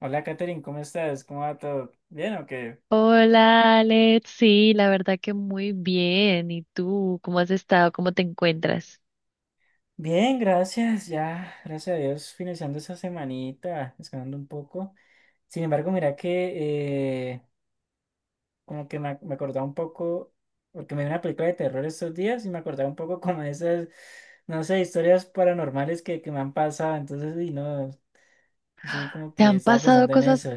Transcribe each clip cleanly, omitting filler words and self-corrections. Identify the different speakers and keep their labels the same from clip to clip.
Speaker 1: Hola, Katherine, ¿cómo estás? ¿Cómo va todo? ¿Bien o qué?
Speaker 2: Hola, Alex. Sí, la verdad que muy bien. ¿Y tú? ¿Cómo has estado? ¿Cómo te encuentras?
Speaker 1: Bien, gracias. Ya, gracias a Dios, finalizando esa semanita, descansando un poco. Sin embargo, mira que como que me acordaba un poco, porque me vi una película de terror estos días y me acordaba un poco como de esas, no sé, historias paranormales que me han pasado. Entonces, y no, sí, como
Speaker 2: ¿Te
Speaker 1: que
Speaker 2: han
Speaker 1: estaba
Speaker 2: pasado
Speaker 1: pensando en
Speaker 2: cosas,
Speaker 1: eso.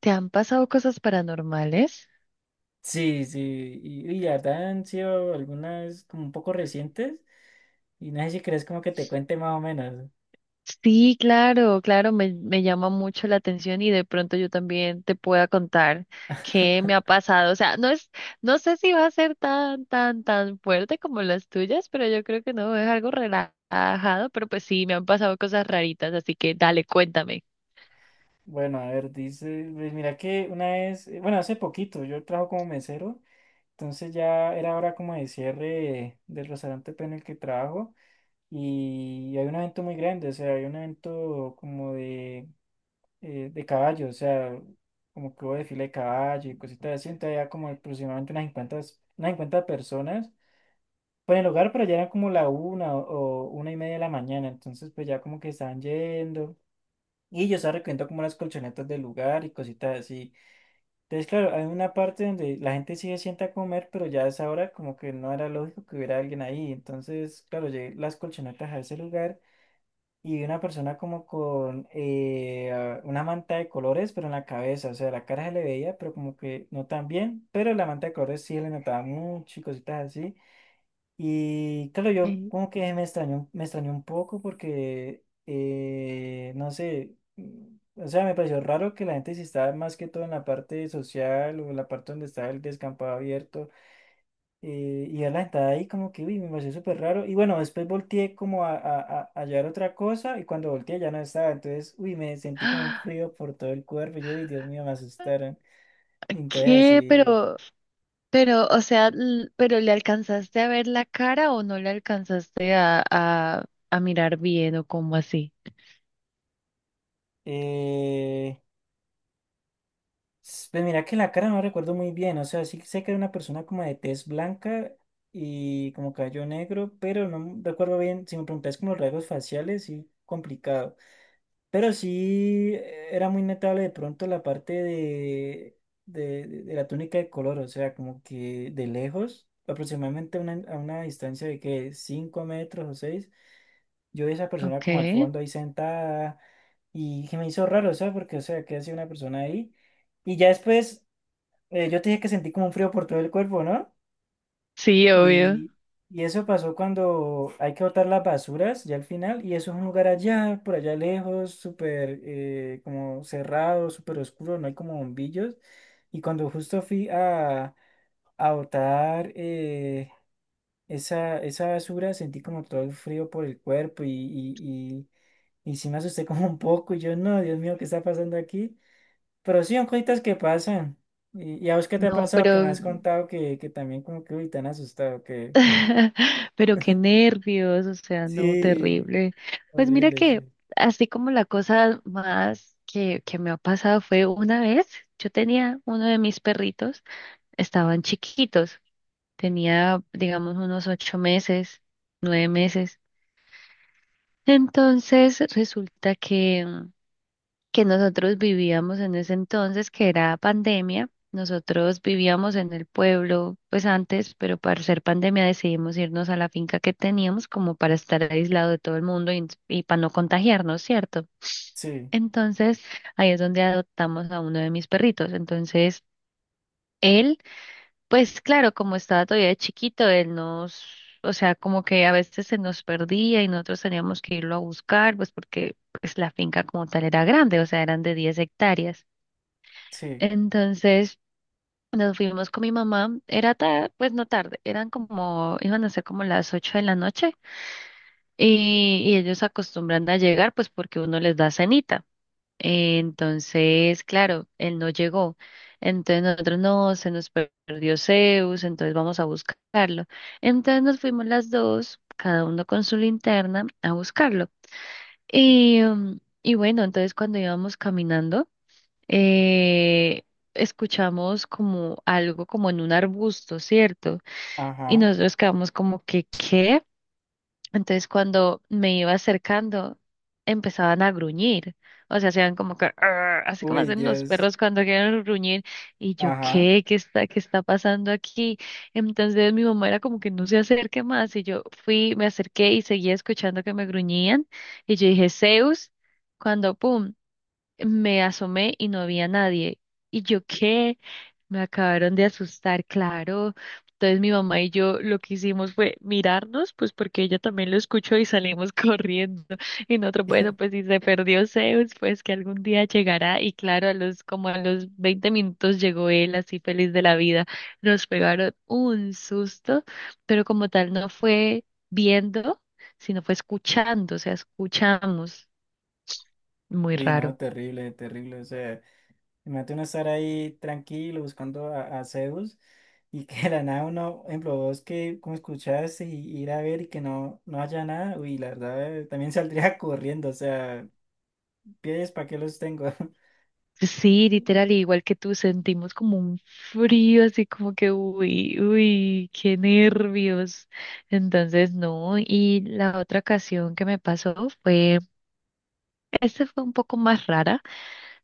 Speaker 2: te han pasado cosas paranormales?
Speaker 1: Sí, sí, y la verdad han sido algunas como un poco recientes. Y no sé si crees como que te cuente más o menos.
Speaker 2: Sí, claro, claro, me llama mucho la atención y de pronto yo también te pueda contar qué me ha pasado. O sea, no sé si va a ser tan, tan, tan fuerte como las tuyas, pero yo creo que no, es algo relajado, pero pues sí, me han pasado cosas raritas, así que dale, cuéntame.
Speaker 1: Bueno, a ver, dice, pues mira que una vez, bueno, hace poquito yo trabajo como mesero, entonces ya era hora como de cierre del restaurante pues, en el que trabajo y hay un evento muy grande, o sea, hay un evento como de caballo, o sea, como que hubo desfile de caballo y cositas así, entonces había como aproximadamente unas 50 personas. Pues en el lugar, pero ya era como la o, una y media de la mañana, entonces pues ya como que estaban yendo. Y yo estaba recogiendo como las colchonetas del lugar y cositas así. Entonces, claro, hay una parte donde la gente sí se sienta a comer, pero ya a esa hora como que no era lógico que hubiera alguien ahí. Entonces, claro, llegué las colchonetas a ese lugar y vi una persona como con una manta de colores, pero en la cabeza. O sea, la cara se le veía, pero como que no tan bien, pero la manta de colores sí le notaba mucho y cositas así. Y claro, yo
Speaker 2: Eh,
Speaker 1: como que me extrañó un poco porque, no sé, mm, o sea, me pareció raro que la gente si estaba más que todo en la parte social o en la parte donde estaba el descampado abierto y ya la gente ahí como que, uy, me pareció súper raro. Y bueno, después volteé como a hallar otra cosa y cuando volteé ya no estaba, entonces, uy, me sentí como un frío por todo el cuerpo, y yo, uy, Dios mío, me asustaron. Entonces
Speaker 2: ¿Qué?
Speaker 1: así...
Speaker 2: O sea, ¿pero le alcanzaste a ver la cara o no le alcanzaste a mirar bien o como así?
Speaker 1: eh, Pues mira que la cara no recuerdo muy bien, o sea, sí sé que era una persona como de tez blanca y como cabello negro, pero no recuerdo bien, si me preguntas como los rasgos faciales, sí, complicado. Pero sí, era muy notable de pronto la parte de, de la túnica de color, o sea, como que de lejos, aproximadamente a a una distancia de que 5 metros o 6 yo vi a esa persona como al
Speaker 2: Okay.
Speaker 1: fondo ahí sentada y que me hizo raro, o sea, porque, o sea, que hacía una persona ahí. Y ya después yo te dije que sentí como un frío por todo el cuerpo, ¿no?
Speaker 2: Sí, obvio.
Speaker 1: Y, y eso pasó cuando hay que botar las basuras ya al final, y eso es un lugar allá, por allá lejos, súper como cerrado, súper oscuro, no hay como bombillos. Y cuando justo fui a botar esa basura, sentí como todo el frío por el cuerpo y sí me asusté como un poco, y yo, no, Dios mío, ¿qué está pasando aquí? Pero sí, son cositas que pasan. ¿Y a vos qué te ha
Speaker 2: No,
Speaker 1: pasado? Que me
Speaker 2: pero,
Speaker 1: has contado que también como que uy, te han asustado, que...
Speaker 2: pero qué nervios, o sea, no,
Speaker 1: Sí,
Speaker 2: terrible. Pues mira
Speaker 1: horrible,
Speaker 2: que
Speaker 1: sí.
Speaker 2: así como la cosa más que me ha pasado fue una vez, yo tenía uno de mis perritos, estaban chiquitos, tenía, digamos, unos 8 meses, 9 meses. Entonces resulta que que nosotros vivíamos en ese entonces, que era pandemia, nosotros vivíamos en el pueblo, pues antes, pero para ser pandemia decidimos irnos a la finca que teníamos como para estar aislado de todo el mundo y para no contagiarnos, ¿cierto?
Speaker 1: Sí,
Speaker 2: Entonces ahí es donde adoptamos a uno de mis perritos. Entonces él... Pues claro, como estaba todavía chiquito, él nos, o sea, como que a veces se nos perdía y nosotros teníamos que irlo a buscar, pues porque pues la finca como tal era grande, o sea, eran de 10 hectáreas.
Speaker 1: sí.
Speaker 2: Entonces nos fuimos con mi mamá, era tarde, pues no tarde, eran como, iban a ser como las 8 de la noche y ellos acostumbran a llegar pues porque uno les da cenita. Entonces, claro, él no llegó. Entonces nosotros no, se nos perdió Zeus, entonces vamos a buscarlo. Entonces nos fuimos las dos, cada uno con su linterna, a buscarlo. Y, y bueno, entonces cuando íbamos caminando, eh, escuchamos como algo como en un arbusto, ¿cierto? Y
Speaker 1: Ajá.
Speaker 2: nosotros quedamos como que, ¿qué? Entonces cuando me iba acercando, empezaban a gruñir. O sea, hacían como que, "Arr", así como
Speaker 1: Uy,
Speaker 2: hacen los
Speaker 1: Dios.
Speaker 2: perros cuando quieren gruñir. Y yo,
Speaker 1: Ajá.
Speaker 2: ¿qué? ¿Qué está pasando aquí? Entonces mi mamá era como que no se acerque más. Y yo fui, me acerqué y seguía escuchando que me gruñían. Y yo dije, Zeus, cuando, pum, me asomé y no había nadie. Y yo, ¿qué? Me acabaron de asustar, claro. Entonces mi mamá y yo lo que hicimos fue mirarnos, pues porque ella también lo escuchó y salimos corriendo. Y nosotros, bueno, pues si se perdió Zeus, pues que algún día llegará. Y claro, a los, como a los 20 minutos llegó él así feliz de la vida. Nos pegaron un susto, pero como tal no fue viendo, sino fue escuchando, o sea, escuchamos. Muy
Speaker 1: Uy,
Speaker 2: raro.
Speaker 1: no, terrible, terrible. O sea, imagínate uno estar ahí tranquilo buscando a Zeus y que de la nada uno, por ejemplo, vos que como escuchaste y ir a ver y que no, no haya nada, uy, la verdad, también saldría corriendo. O sea, pies, ¿para qué los tengo?
Speaker 2: Sí, literal, igual que tú, sentimos como un frío, así como que, uy, uy, qué nervios. Entonces, no, y la otra ocasión que me pasó fue, esta fue un poco más rara,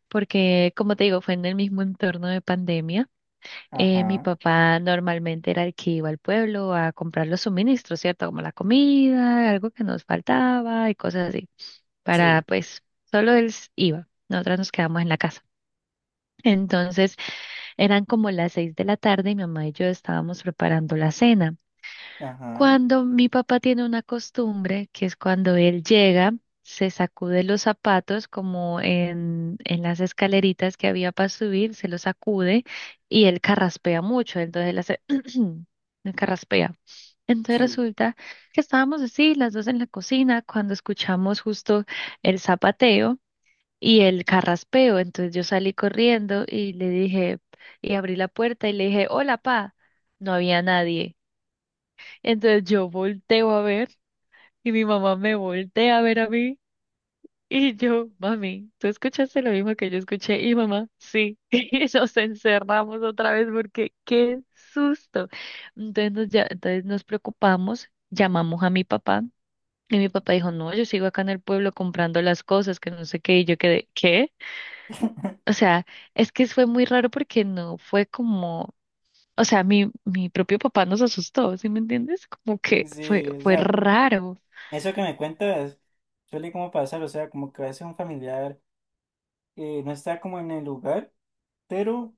Speaker 2: porque como te digo, fue en el mismo entorno de pandemia. Mi
Speaker 1: Ajá.
Speaker 2: papá normalmente era el que iba al pueblo a comprar los suministros, ¿cierto? Como la comida, algo que nos faltaba y cosas así, para
Speaker 1: Sí,
Speaker 2: pues, solo él iba. Nosotras nos quedamos en la casa. Entonces eran como las 6 de la tarde y mi mamá y yo estábamos preparando la cena.
Speaker 1: ajá,
Speaker 2: Cuando mi papá tiene una costumbre, que es cuando él llega, se sacude los zapatos como en las escaleritas que había para subir, se los sacude y él carraspea mucho, entonces él hace, él carraspea. Entonces
Speaker 1: sí,
Speaker 2: resulta que estábamos así, las dos en la cocina, cuando escuchamos justo el zapateo y el carraspeo. Entonces yo salí corriendo y le dije, y abrí la puerta y le dije, hola, pa. No había nadie. Entonces yo volteo a ver y mi mamá me voltea a ver a mí y yo, mami, ¿tú escuchaste lo mismo que yo escuché? Y mamá, sí. Y nos encerramos otra vez porque qué susto. Entonces nos, ya, entonces nos preocupamos, llamamos a mi papá. Y mi papá dijo, no, yo sigo acá en el pueblo comprando las cosas, que no sé qué, y yo quedé, ¿qué? O sea, es que fue muy raro porque no fue como, o sea, mi propio papá nos asustó, ¿sí me entiendes? Como que fue,
Speaker 1: sí, o
Speaker 2: fue
Speaker 1: sea,
Speaker 2: raro.
Speaker 1: eso que me cuentas suele como pasar, o sea, como que a veces un familiar no está como en el lugar, pero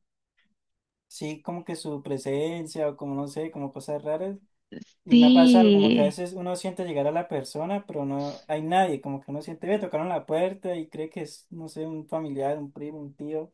Speaker 1: sí como que su presencia o como no sé, como cosas raras, y me ha pasado como que a
Speaker 2: Sí,
Speaker 1: veces uno siente llegar a la persona, pero no hay nadie, como que uno siente, ve, tocaron la puerta y cree que es, no sé, un familiar, un primo, un tío.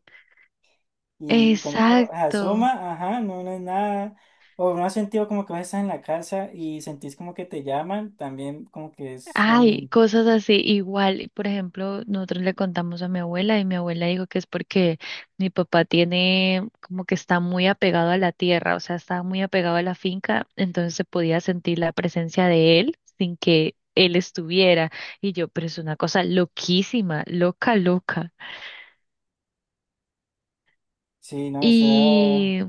Speaker 1: Y cuando uno
Speaker 2: exacto.
Speaker 1: asoma, ajá, no, no es nada. O no has sentido como que vas a estar en la casa y sentís como que te llaman, también como que es lo
Speaker 2: Ay,
Speaker 1: mismo.
Speaker 2: cosas así, igual, por ejemplo, nosotros le contamos a mi abuela y mi abuela dijo que es porque mi papá tiene como que está muy apegado a la tierra, o sea, está muy apegado a la finca, entonces se podía sentir la presencia de él sin que él estuviera. Y yo, pero es una cosa loquísima, loca, loca.
Speaker 1: Sí, no, o sea,
Speaker 2: Y,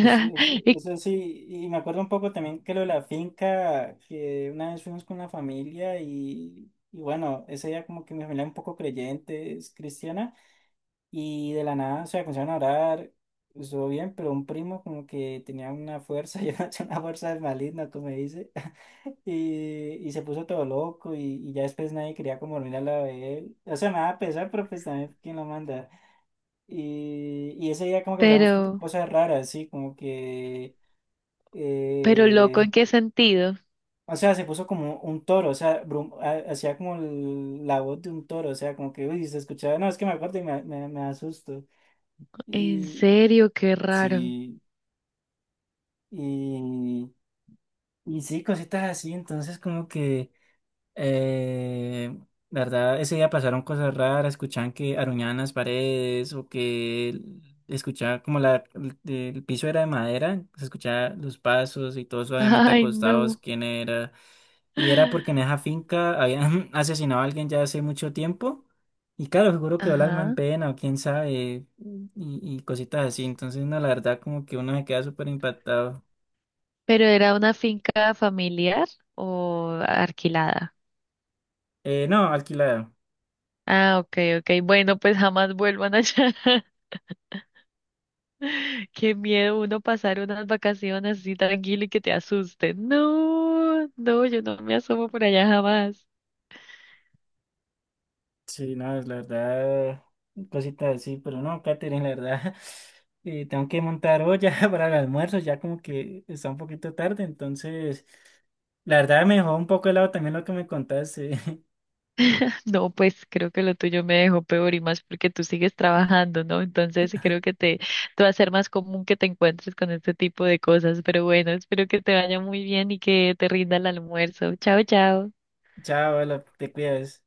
Speaker 1: eso, eso,
Speaker 2: y-
Speaker 1: eso sí. Y me acuerdo un poco también que lo de la finca, que una vez fuimos con la familia y bueno, ese día como que mi familia es un poco creyente, es cristiana, y de la nada, o sea, comenzaron a orar. Estuvo bien, pero un primo como que tenía una fuerza, yo no tenía una fuerza maligna, como dice. Y se puso todo loco y ya después nadie quería como dormir a la de él. O sea, me daba pesar, pero pues también quién lo manda. Y ese día como que pasamos
Speaker 2: pero,
Speaker 1: cosas raras, sí, como que...
Speaker 2: pero loco,
Speaker 1: eh,
Speaker 2: ¿en qué sentido?
Speaker 1: o sea, se puso como un toro, o sea, hacía como la voz de un toro, o sea, como que, uy, se escuchaba, no, es que me acuerdo y me, me asusto.
Speaker 2: En
Speaker 1: Y
Speaker 2: serio, qué raro.
Speaker 1: sí, y, y sí, cositas así, entonces como que... Eh, la verdad, ese día pasaron cosas raras, escuchaban que aruñaban las paredes o que escuchaba como la, el piso era de madera, se escuchaba los pasos y todos obviamente
Speaker 2: Ay,
Speaker 1: acostados,
Speaker 2: no.
Speaker 1: quién era. Y era porque en esa finca habían asesinado a alguien ya hace mucho tiempo. Y claro, seguro quedó el alma en
Speaker 2: Ajá.
Speaker 1: pena o quién sabe, y cositas así. Entonces, no, la verdad, como que uno se queda súper impactado.
Speaker 2: ¿Pero era una finca familiar o alquilada?
Speaker 1: No, alquilado.
Speaker 2: Ah, ok, ok. Bueno, pues jamás vuelvan allá. Qué miedo uno pasar unas vacaciones así tranquilo y que te asusten. No, no, yo no me asomo por allá jamás.
Speaker 1: Sí, no, la verdad, cositas así, pero no, Katherine, la verdad, tengo que montar olla para el almuerzo, ya como que está un poquito tarde, entonces, la verdad me dejó un poco helado también lo que me contaste.
Speaker 2: No, pues creo que lo tuyo me dejó peor y más porque tú sigues trabajando, ¿no? Entonces creo que te va a ser más común que te encuentres con este tipo de cosas. Pero bueno, espero que te vaya muy bien y que te rinda el almuerzo. Chao, chao.
Speaker 1: Chao, hola, te cuidas.